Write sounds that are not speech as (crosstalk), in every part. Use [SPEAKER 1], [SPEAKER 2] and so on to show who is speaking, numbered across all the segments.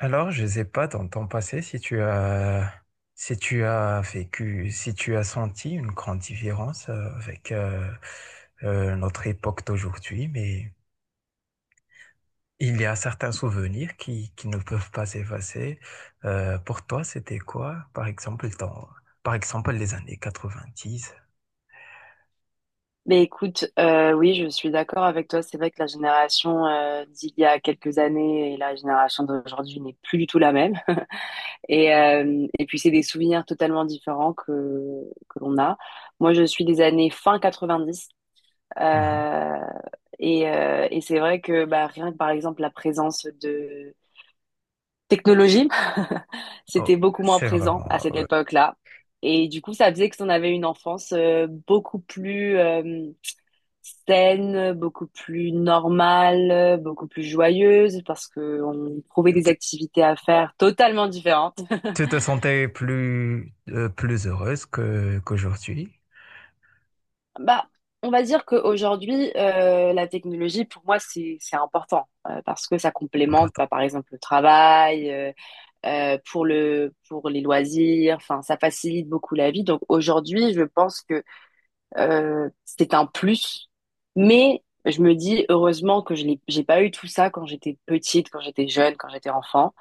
[SPEAKER 1] Alors, je sais pas, dans ton passé, si tu as vécu, si tu as senti une grande différence avec notre époque d'aujourd'hui, mais il y a certains souvenirs qui ne peuvent pas s'effacer. Pour toi, c'était quoi, par exemple, par exemple, les années 90.
[SPEAKER 2] Mais écoute, oui, je suis d'accord avec toi. C'est vrai que la génération d'il y a quelques années et la génération d'aujourd'hui n'est plus du tout la même. (laughs) Et puis, c'est des souvenirs totalement différents que l'on a. Moi, je suis des années fin 90.
[SPEAKER 1] Mhm.
[SPEAKER 2] euh, et c'est vrai que bah, rien que, par exemple, la présence de technologie, (laughs)
[SPEAKER 1] Oh,
[SPEAKER 2] c'était beaucoup moins
[SPEAKER 1] c'est
[SPEAKER 2] présent à
[SPEAKER 1] vraiment.
[SPEAKER 2] cette époque-là. Et du coup, ça faisait que si on avait une enfance beaucoup plus saine, beaucoup plus normale, beaucoup plus joyeuse parce que on trouvait des
[SPEAKER 1] Tu,
[SPEAKER 2] activités à faire totalement différentes.
[SPEAKER 1] tu te sentais plus, plus heureuse qu'aujourd'hui?
[SPEAKER 2] Bah, on va dire qu'aujourd'hui, la technologie, pour moi, c'est important parce que ça complémente, bah, par exemple, le travail, pour les loisirs. Enfin, ça facilite beaucoup la vie. Donc aujourd'hui, je pense que c'est un plus, mais je me dis heureusement que je l'ai j'ai pas eu tout ça quand j'étais petite, quand j'étais jeune, quand j'étais enfant.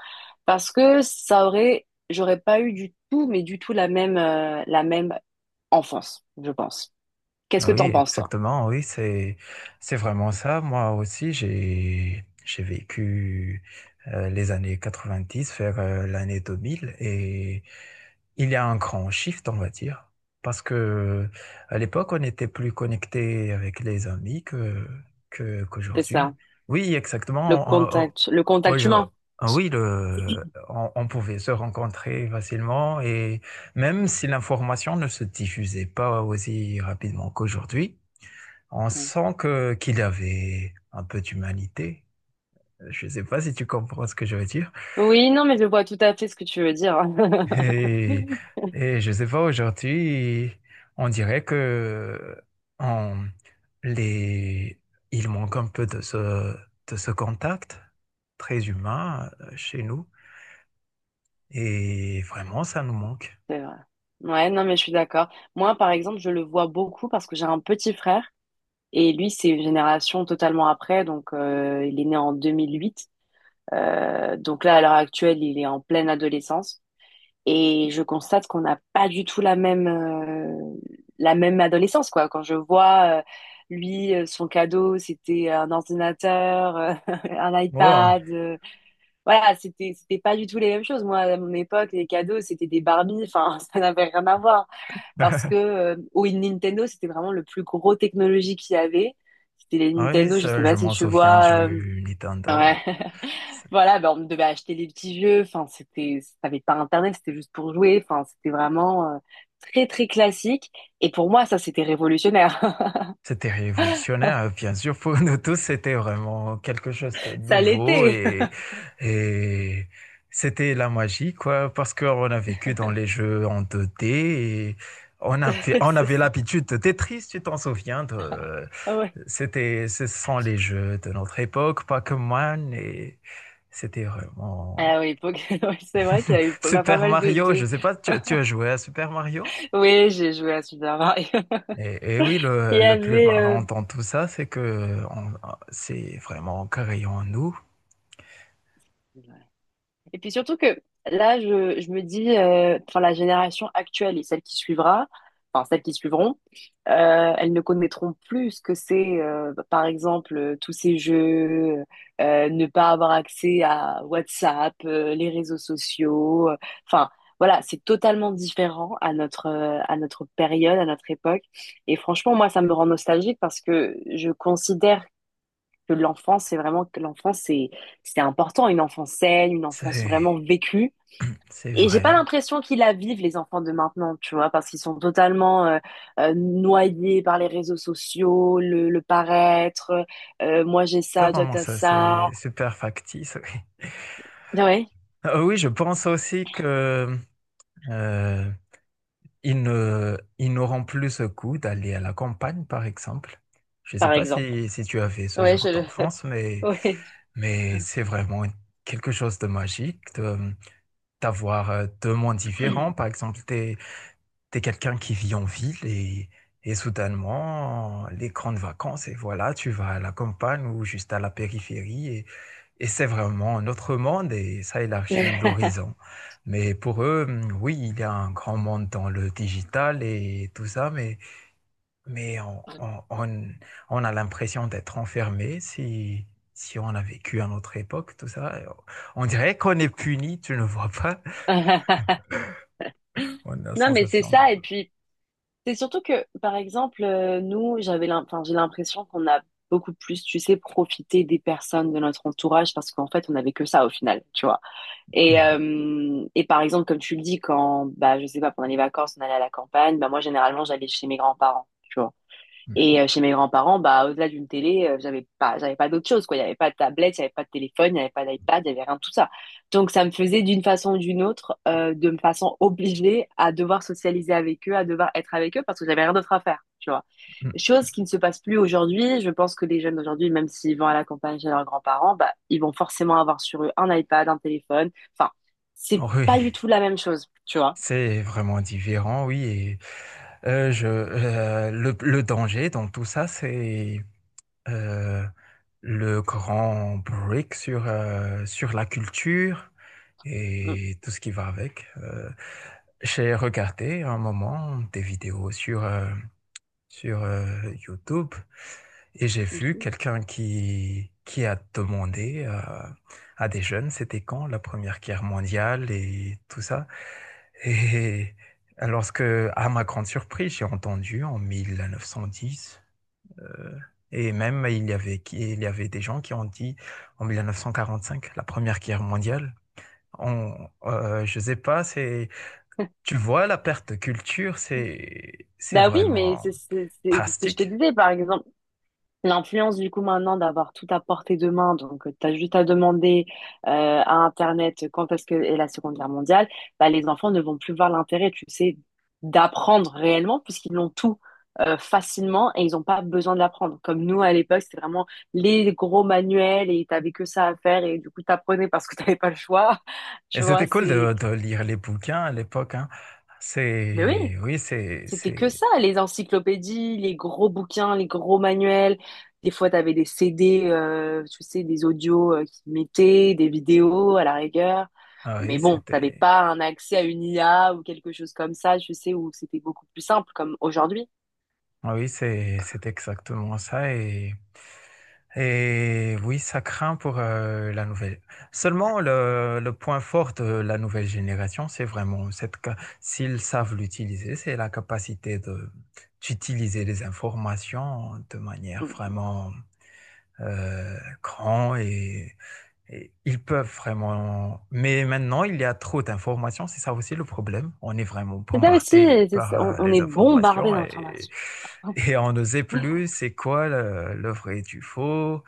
[SPEAKER 2] Parce que j'aurais pas eu du tout, mais du tout la même enfance, je pense. Qu'est-ce
[SPEAKER 1] Ah
[SPEAKER 2] que
[SPEAKER 1] oui,
[SPEAKER 2] t'en penses, toi?
[SPEAKER 1] exactement. Oui, c'est vraiment ça. Moi aussi, j'ai vécu les années 90 vers l'année 2000 et il y a un grand shift, on va dire, parce que à l'époque, on était plus connecté avec les amis que
[SPEAKER 2] C'est
[SPEAKER 1] qu'aujourd'hui.
[SPEAKER 2] ça,
[SPEAKER 1] Oui,
[SPEAKER 2] le
[SPEAKER 1] exactement.
[SPEAKER 2] contact, le contact
[SPEAKER 1] Aujourd-
[SPEAKER 2] humain.
[SPEAKER 1] oui, on pouvait se rencontrer facilement même si l'information ne se diffusait pas aussi rapidement qu'aujourd'hui, on
[SPEAKER 2] Ouais.
[SPEAKER 1] sent que qu'il avait un peu d'humanité. Je ne sais pas si tu comprends ce que je veux dire.
[SPEAKER 2] Oui, non, mais je vois tout à fait ce que tu veux dire.
[SPEAKER 1] Et,
[SPEAKER 2] (laughs)
[SPEAKER 1] et je ne sais pas, aujourd'hui, on dirait que on, les, il manque un peu de ce contact très humain chez nous. Et vraiment, ça nous manque.
[SPEAKER 2] C'est vrai. Ouais, non, mais je suis d'accord. Moi, par exemple, je le vois beaucoup parce que j'ai un petit frère et lui, c'est une génération totalement après, donc il est né en 2008. Donc là, à l'heure actuelle, il est en pleine adolescence et je constate qu'on n'a pas du tout la même adolescence, quoi. Quand je vois, lui, son cadeau, c'était un ordinateur, (laughs) un
[SPEAKER 1] Bon,
[SPEAKER 2] iPad, voilà, c'était pas du tout les mêmes choses. Moi, à mon époque, les cadeaux, c'était des Barbies, enfin, (laughs) ça n'avait rien à voir. Parce que, au Nintendo, c'était vraiment le plus gros technologie qu'il y avait. C'était les
[SPEAKER 1] oui,
[SPEAKER 2] Nintendo, je sais
[SPEAKER 1] ça, je
[SPEAKER 2] pas si
[SPEAKER 1] m'en
[SPEAKER 2] tu
[SPEAKER 1] souviens
[SPEAKER 2] vois,
[SPEAKER 1] du Nintendo.
[SPEAKER 2] ouais. (laughs)
[SPEAKER 1] Ça,
[SPEAKER 2] Voilà, ben, on devait acheter les petits jeux. Enfin, t'avais pas Internet, c'était juste pour jouer. Enfin, c'était vraiment très très classique. Et pour moi, ça c'était révolutionnaire.
[SPEAKER 1] C'était révolutionnaire, hein, bien sûr, pour nous tous, c'était vraiment quelque chose de
[SPEAKER 2] (laughs) Ça
[SPEAKER 1] nouveau
[SPEAKER 2] l'était.
[SPEAKER 1] et c'était la magie, quoi, parce qu'on a vécu dans les jeux en 2D et on avait,
[SPEAKER 2] (laughs)
[SPEAKER 1] on
[SPEAKER 2] C'est
[SPEAKER 1] avait
[SPEAKER 2] ça.
[SPEAKER 1] l'habitude de Tetris, tu t'en souviens de,
[SPEAKER 2] Ah ouais.
[SPEAKER 1] c'était, ce sont les jeux de notre époque, Pac-Man et c'était vraiment
[SPEAKER 2] Ah oui, (laughs) oui, c'est vrai qu'il y a eu pas
[SPEAKER 1] Super
[SPEAKER 2] mal de,
[SPEAKER 1] Mario, je
[SPEAKER 2] de.
[SPEAKER 1] sais pas, tu as joué à Super Mario?
[SPEAKER 2] Oui, j'ai joué à Super Mario. (laughs)
[SPEAKER 1] Et oui,
[SPEAKER 2] Il
[SPEAKER 1] le,
[SPEAKER 2] y
[SPEAKER 1] le plus
[SPEAKER 2] avait.
[SPEAKER 1] marrant dans tout ça, c'est que ah, c'est vraiment créé en créant nous.
[SPEAKER 2] Et puis surtout que là, je me dis, enfin, la génération actuelle et celle qui suivra, enfin, celles qui suivront, elles ne connaîtront plus ce que c'est, par exemple, tous ces jeux, ne pas avoir accès à WhatsApp, les réseaux sociaux. Enfin, voilà, c'est totalement différent à notre période, à notre époque. Et franchement, moi, ça me rend nostalgique parce que je considère que l'enfance, c'est important, une enfance saine, une enfance
[SPEAKER 1] C'est,
[SPEAKER 2] vraiment vécue.
[SPEAKER 1] c'est
[SPEAKER 2] Et j'ai pas
[SPEAKER 1] vrai.
[SPEAKER 2] l'impression qu'ils la vivent les enfants de maintenant, tu vois, parce qu'ils sont totalement noyés par les réseaux sociaux, le paraître, moi j'ai
[SPEAKER 1] C'est
[SPEAKER 2] ça, toi
[SPEAKER 1] vraiment
[SPEAKER 2] t'as
[SPEAKER 1] ça,
[SPEAKER 2] ça.
[SPEAKER 1] c'est super factice. Oui,
[SPEAKER 2] Ouais,
[SPEAKER 1] ah oui, je pense aussi que euh, ils ne, ils n'auront plus ce coup d'aller à la campagne, par exemple. Je ne sais
[SPEAKER 2] par
[SPEAKER 1] pas
[SPEAKER 2] exemple.
[SPEAKER 1] si tu avais ce
[SPEAKER 2] Ouais,
[SPEAKER 1] genre
[SPEAKER 2] je le.
[SPEAKER 1] d'enfance, mais,
[SPEAKER 2] (laughs)
[SPEAKER 1] c'est vraiment quelque chose de magique d'avoir deux mondes différents. Par exemple, t'es quelqu'un qui vit en ville et soudainement, les grandes vacances, et voilà, tu vas à la campagne ou juste à la périphérie, et c'est vraiment un autre monde et ça élargit
[SPEAKER 2] Ouais.
[SPEAKER 1] l'horizon. Mais pour eux, oui, il y a un grand monde dans le digital et tout ça, mais on a l'impression d'être enfermé si on a vécu à notre époque, tout ça. On dirait qu'on est puni, tu ne vois pas?
[SPEAKER 2] (laughs)
[SPEAKER 1] On a la
[SPEAKER 2] Non, mais c'est
[SPEAKER 1] sensation de.
[SPEAKER 2] ça. C'est surtout que, par exemple, nous, enfin, j'ai l'impression qu'on a beaucoup plus, tu sais, profité des personnes de notre entourage parce qu'en fait, on n'avait que ça au final, tu vois. Et par exemple, comme tu le dis, quand, bah, je sais pas, pendant les vacances, on allait à la campagne, bah, moi, généralement, j'allais chez mes grands-parents. Tu vois. Et chez mes grands-parents, bah, au-delà d'une télé, j'avais pas d'autre chose, quoi. Il n'y avait pas de tablette, il n'y avait pas de téléphone, il n'y avait pas d'iPad, il n'y avait rien de tout ça. Donc, ça me faisait d'une façon ou d'une autre, de me façon obligée à devoir socialiser avec eux, à devoir être avec eux parce que j'avais rien d'autre à faire, tu vois.
[SPEAKER 1] (laughs)
[SPEAKER 2] Chose qui ne se passe plus aujourd'hui. Je pense que les jeunes d'aujourd'hui, même s'ils vont à la campagne chez leurs grands-parents, bah, ils vont forcément avoir sur eux un iPad, un téléphone. Enfin, c'est
[SPEAKER 1] Oui.
[SPEAKER 2] pas du tout la même chose, tu vois.
[SPEAKER 1] C'est vraiment différent, oui. Et le danger dans tout ça, c'est euh, le grand break sur la culture
[SPEAKER 2] Mm.
[SPEAKER 1] et tout ce qui va avec. J'ai regardé un moment des vidéos sur YouTube et j'ai
[SPEAKER 2] mm,
[SPEAKER 1] vu
[SPEAKER 2] mm.
[SPEAKER 1] quelqu'un qui a demandé à des jeunes, c'était quand la Première Guerre mondiale et tout ça. Et lorsque, à ma grande surprise, j'ai entendu en 1910, euh, et même il y avait des gens qui ont dit en 1945, la Première Guerre mondiale. Je sais pas, c'est, tu vois, la perte de culture, c'est
[SPEAKER 2] Bah oui, mais
[SPEAKER 1] vraiment
[SPEAKER 2] c'est ce que je te
[SPEAKER 1] drastique.
[SPEAKER 2] disais, par exemple. L'influence, du coup, maintenant, d'avoir tout à portée de main, donc tu as juste à demander euh, à Internet quand est-ce que est la Seconde Guerre mondiale, bah, les enfants ne vont plus voir l'intérêt, tu sais, d'apprendre réellement, puisqu'ils l'ont tout facilement et ils n'ont pas besoin de l'apprendre. Comme nous, à l'époque, c'était vraiment les gros manuels et tu que ça à faire et du coup, tu apprenais parce que tu n'avais pas le choix. (laughs)
[SPEAKER 1] Et
[SPEAKER 2] Tu vois,
[SPEAKER 1] c'était cool
[SPEAKER 2] c'est.
[SPEAKER 1] de lire les bouquins à l'époque, hein.
[SPEAKER 2] Mais oui.
[SPEAKER 1] C'est, oui,
[SPEAKER 2] C'était que ça, les encyclopédies, les gros bouquins, les gros manuels. Des fois, tu avais des CD, tu sais, des audios qui mettaient, des vidéos à la rigueur.
[SPEAKER 1] ah
[SPEAKER 2] Mais
[SPEAKER 1] oui,
[SPEAKER 2] bon, t'avais
[SPEAKER 1] c'était.
[SPEAKER 2] pas un accès à une IA ou quelque chose comme ça, je sais, où c'était beaucoup plus simple, comme aujourd'hui.
[SPEAKER 1] Ah oui, c'est exactement ça. Et oui, ça craint pour la nouvelle. Seulement, le point fort de la nouvelle génération, c'est vraiment s'ils savent l'utiliser, c'est la capacité d'utiliser les informations de manière vraiment euh, grande et ils peuvent vraiment. Mais maintenant, il y a trop d'informations. C'est ça aussi le problème. On est vraiment
[SPEAKER 2] C'était aussi,
[SPEAKER 1] bombardé
[SPEAKER 2] c'est-
[SPEAKER 1] par
[SPEAKER 2] on
[SPEAKER 1] les
[SPEAKER 2] est bombardé
[SPEAKER 1] informations et,
[SPEAKER 2] d'informations.
[SPEAKER 1] et on ne sait plus c'est quoi le vrai et du faux.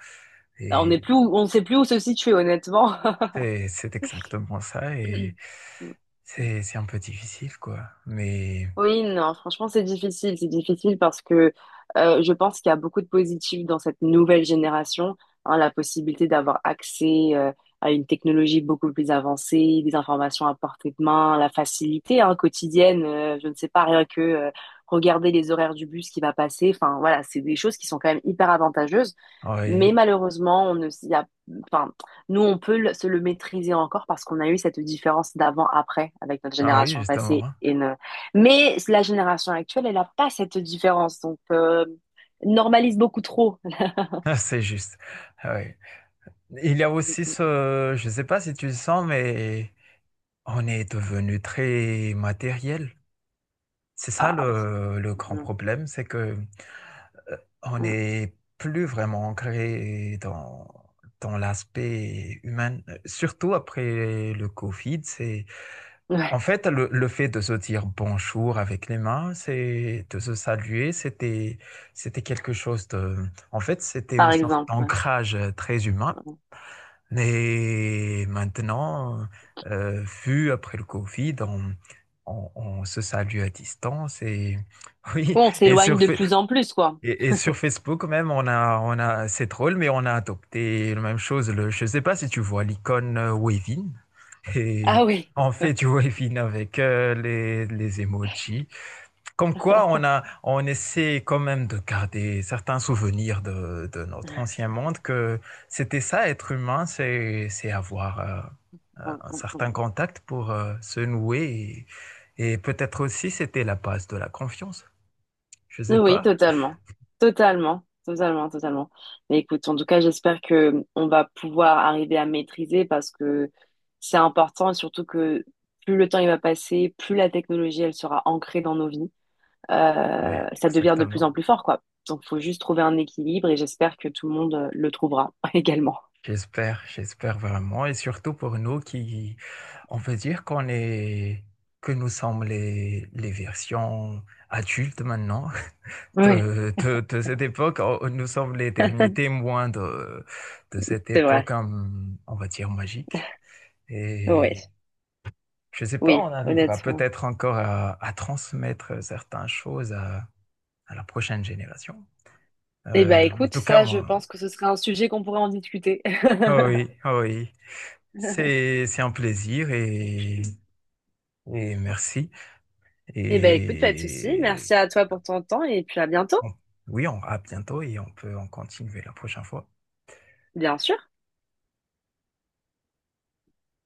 [SPEAKER 2] On n'est
[SPEAKER 1] Et
[SPEAKER 2] plus, où- on ne sait plus où se situer, honnêtement.
[SPEAKER 1] c'est exactement ça. Et
[SPEAKER 2] (clears throat) (laughs) Mm.
[SPEAKER 1] c'est un peu difficile, quoi. Mais
[SPEAKER 2] Oui, non, franchement, c'est difficile. C'est difficile parce que je pense qu'il y a beaucoup de positifs dans cette nouvelle génération. Hein, la possibilité d'avoir accès à une technologie beaucoup plus avancée, des informations à portée de main, la facilité hein, quotidienne. Je ne sais pas, rien que regarder les horaires du bus qui va passer. Enfin, voilà, c'est des choses qui sont quand même hyper avantageuses.
[SPEAKER 1] ah oui,
[SPEAKER 2] Mais malheureusement, on ne s'y a... enfin, nous, on peut se le maîtriser encore parce qu'on a eu cette différence d'avant-après avec notre
[SPEAKER 1] ah oui,
[SPEAKER 2] génération passée.
[SPEAKER 1] justement.
[SPEAKER 2] Et ne... Mais la génération actuelle, elle n'a pas cette différence. Donc, normalise beaucoup trop.
[SPEAKER 1] (laughs) C'est juste. Ah oui. Il y a aussi
[SPEAKER 2] (laughs)
[SPEAKER 1] ce. Je ne sais pas si tu le sens, mais on est devenu très matériel. C'est ça
[SPEAKER 2] Ah oui.
[SPEAKER 1] le grand
[SPEAKER 2] Mm,
[SPEAKER 1] problème, c'est que euh, on
[SPEAKER 2] mm.
[SPEAKER 1] n'est plus vraiment ancré dans l'aspect humain, surtout après le Covid. C'est en
[SPEAKER 2] Ouais.
[SPEAKER 1] fait le fait de se dire bonjour avec les mains, c'est de se saluer, c'était quelque chose en fait, c'était
[SPEAKER 2] Par
[SPEAKER 1] une sorte
[SPEAKER 2] exemple. Ouais.
[SPEAKER 1] d'ancrage très humain. Et maintenant, vu après le Covid, on se salue à distance et (laughs) oui,
[SPEAKER 2] Bon, on s'éloigne de plus en plus, quoi.
[SPEAKER 1] Et sur Facebook même, on a, c'est drôle, mais on a adopté la même chose. Je ne sais pas si tu vois l'icône Wavin et
[SPEAKER 2] Ah oui.
[SPEAKER 1] on fait du (laughs) Wavin avec les emojis. Comme quoi, on essaie quand même de garder certains souvenirs de notre ancien monde, que c'était ça, être humain, c'est avoir
[SPEAKER 2] Mm,
[SPEAKER 1] un
[SPEAKER 2] mm,
[SPEAKER 1] certain
[SPEAKER 2] mm.
[SPEAKER 1] contact pour se nouer. Et peut-être aussi, c'était la base de la confiance. Je sais
[SPEAKER 2] Oui,
[SPEAKER 1] pas.
[SPEAKER 2] totalement. Totalement. Totalement, totalement. Mais écoute, en tout cas, j'espère que on va pouvoir arriver à maîtriser parce que c'est important et surtout que plus le temps il va passer, plus la technologie elle sera ancrée dans nos vies.
[SPEAKER 1] Oui,
[SPEAKER 2] Ça devient de plus
[SPEAKER 1] exactement.
[SPEAKER 2] en plus fort, quoi. Donc, faut juste trouver un équilibre et j'espère que tout le monde le trouvera (laughs) également.
[SPEAKER 1] J'espère vraiment. Et surtout pour nous qui, on peut dire que nous sommes les versions adultes maintenant.
[SPEAKER 2] Oui,
[SPEAKER 1] De cette époque, nous sommes les derniers témoins de cette
[SPEAKER 2] c'est
[SPEAKER 1] époque,
[SPEAKER 2] vrai.
[SPEAKER 1] on va dire, magique.
[SPEAKER 2] Oui,
[SPEAKER 1] Et je ne sais pas,
[SPEAKER 2] oui,
[SPEAKER 1] on arrivera
[SPEAKER 2] honnêtement.
[SPEAKER 1] peut-être encore à transmettre certaines choses à la prochaine génération.
[SPEAKER 2] Eh ben,
[SPEAKER 1] En
[SPEAKER 2] écoute,
[SPEAKER 1] tout cas,
[SPEAKER 2] ça, je pense que ce serait un sujet qu'on pourrait en discuter.
[SPEAKER 1] oh oui, oh oui,
[SPEAKER 2] (laughs)
[SPEAKER 1] c'est un plaisir et merci.
[SPEAKER 2] Eh ben écoute, pas de souci.
[SPEAKER 1] Et
[SPEAKER 2] Merci à toi pour ton temps et puis à bientôt.
[SPEAKER 1] on- oui, à bientôt et on peut en continuer la prochaine fois.
[SPEAKER 2] Bien sûr.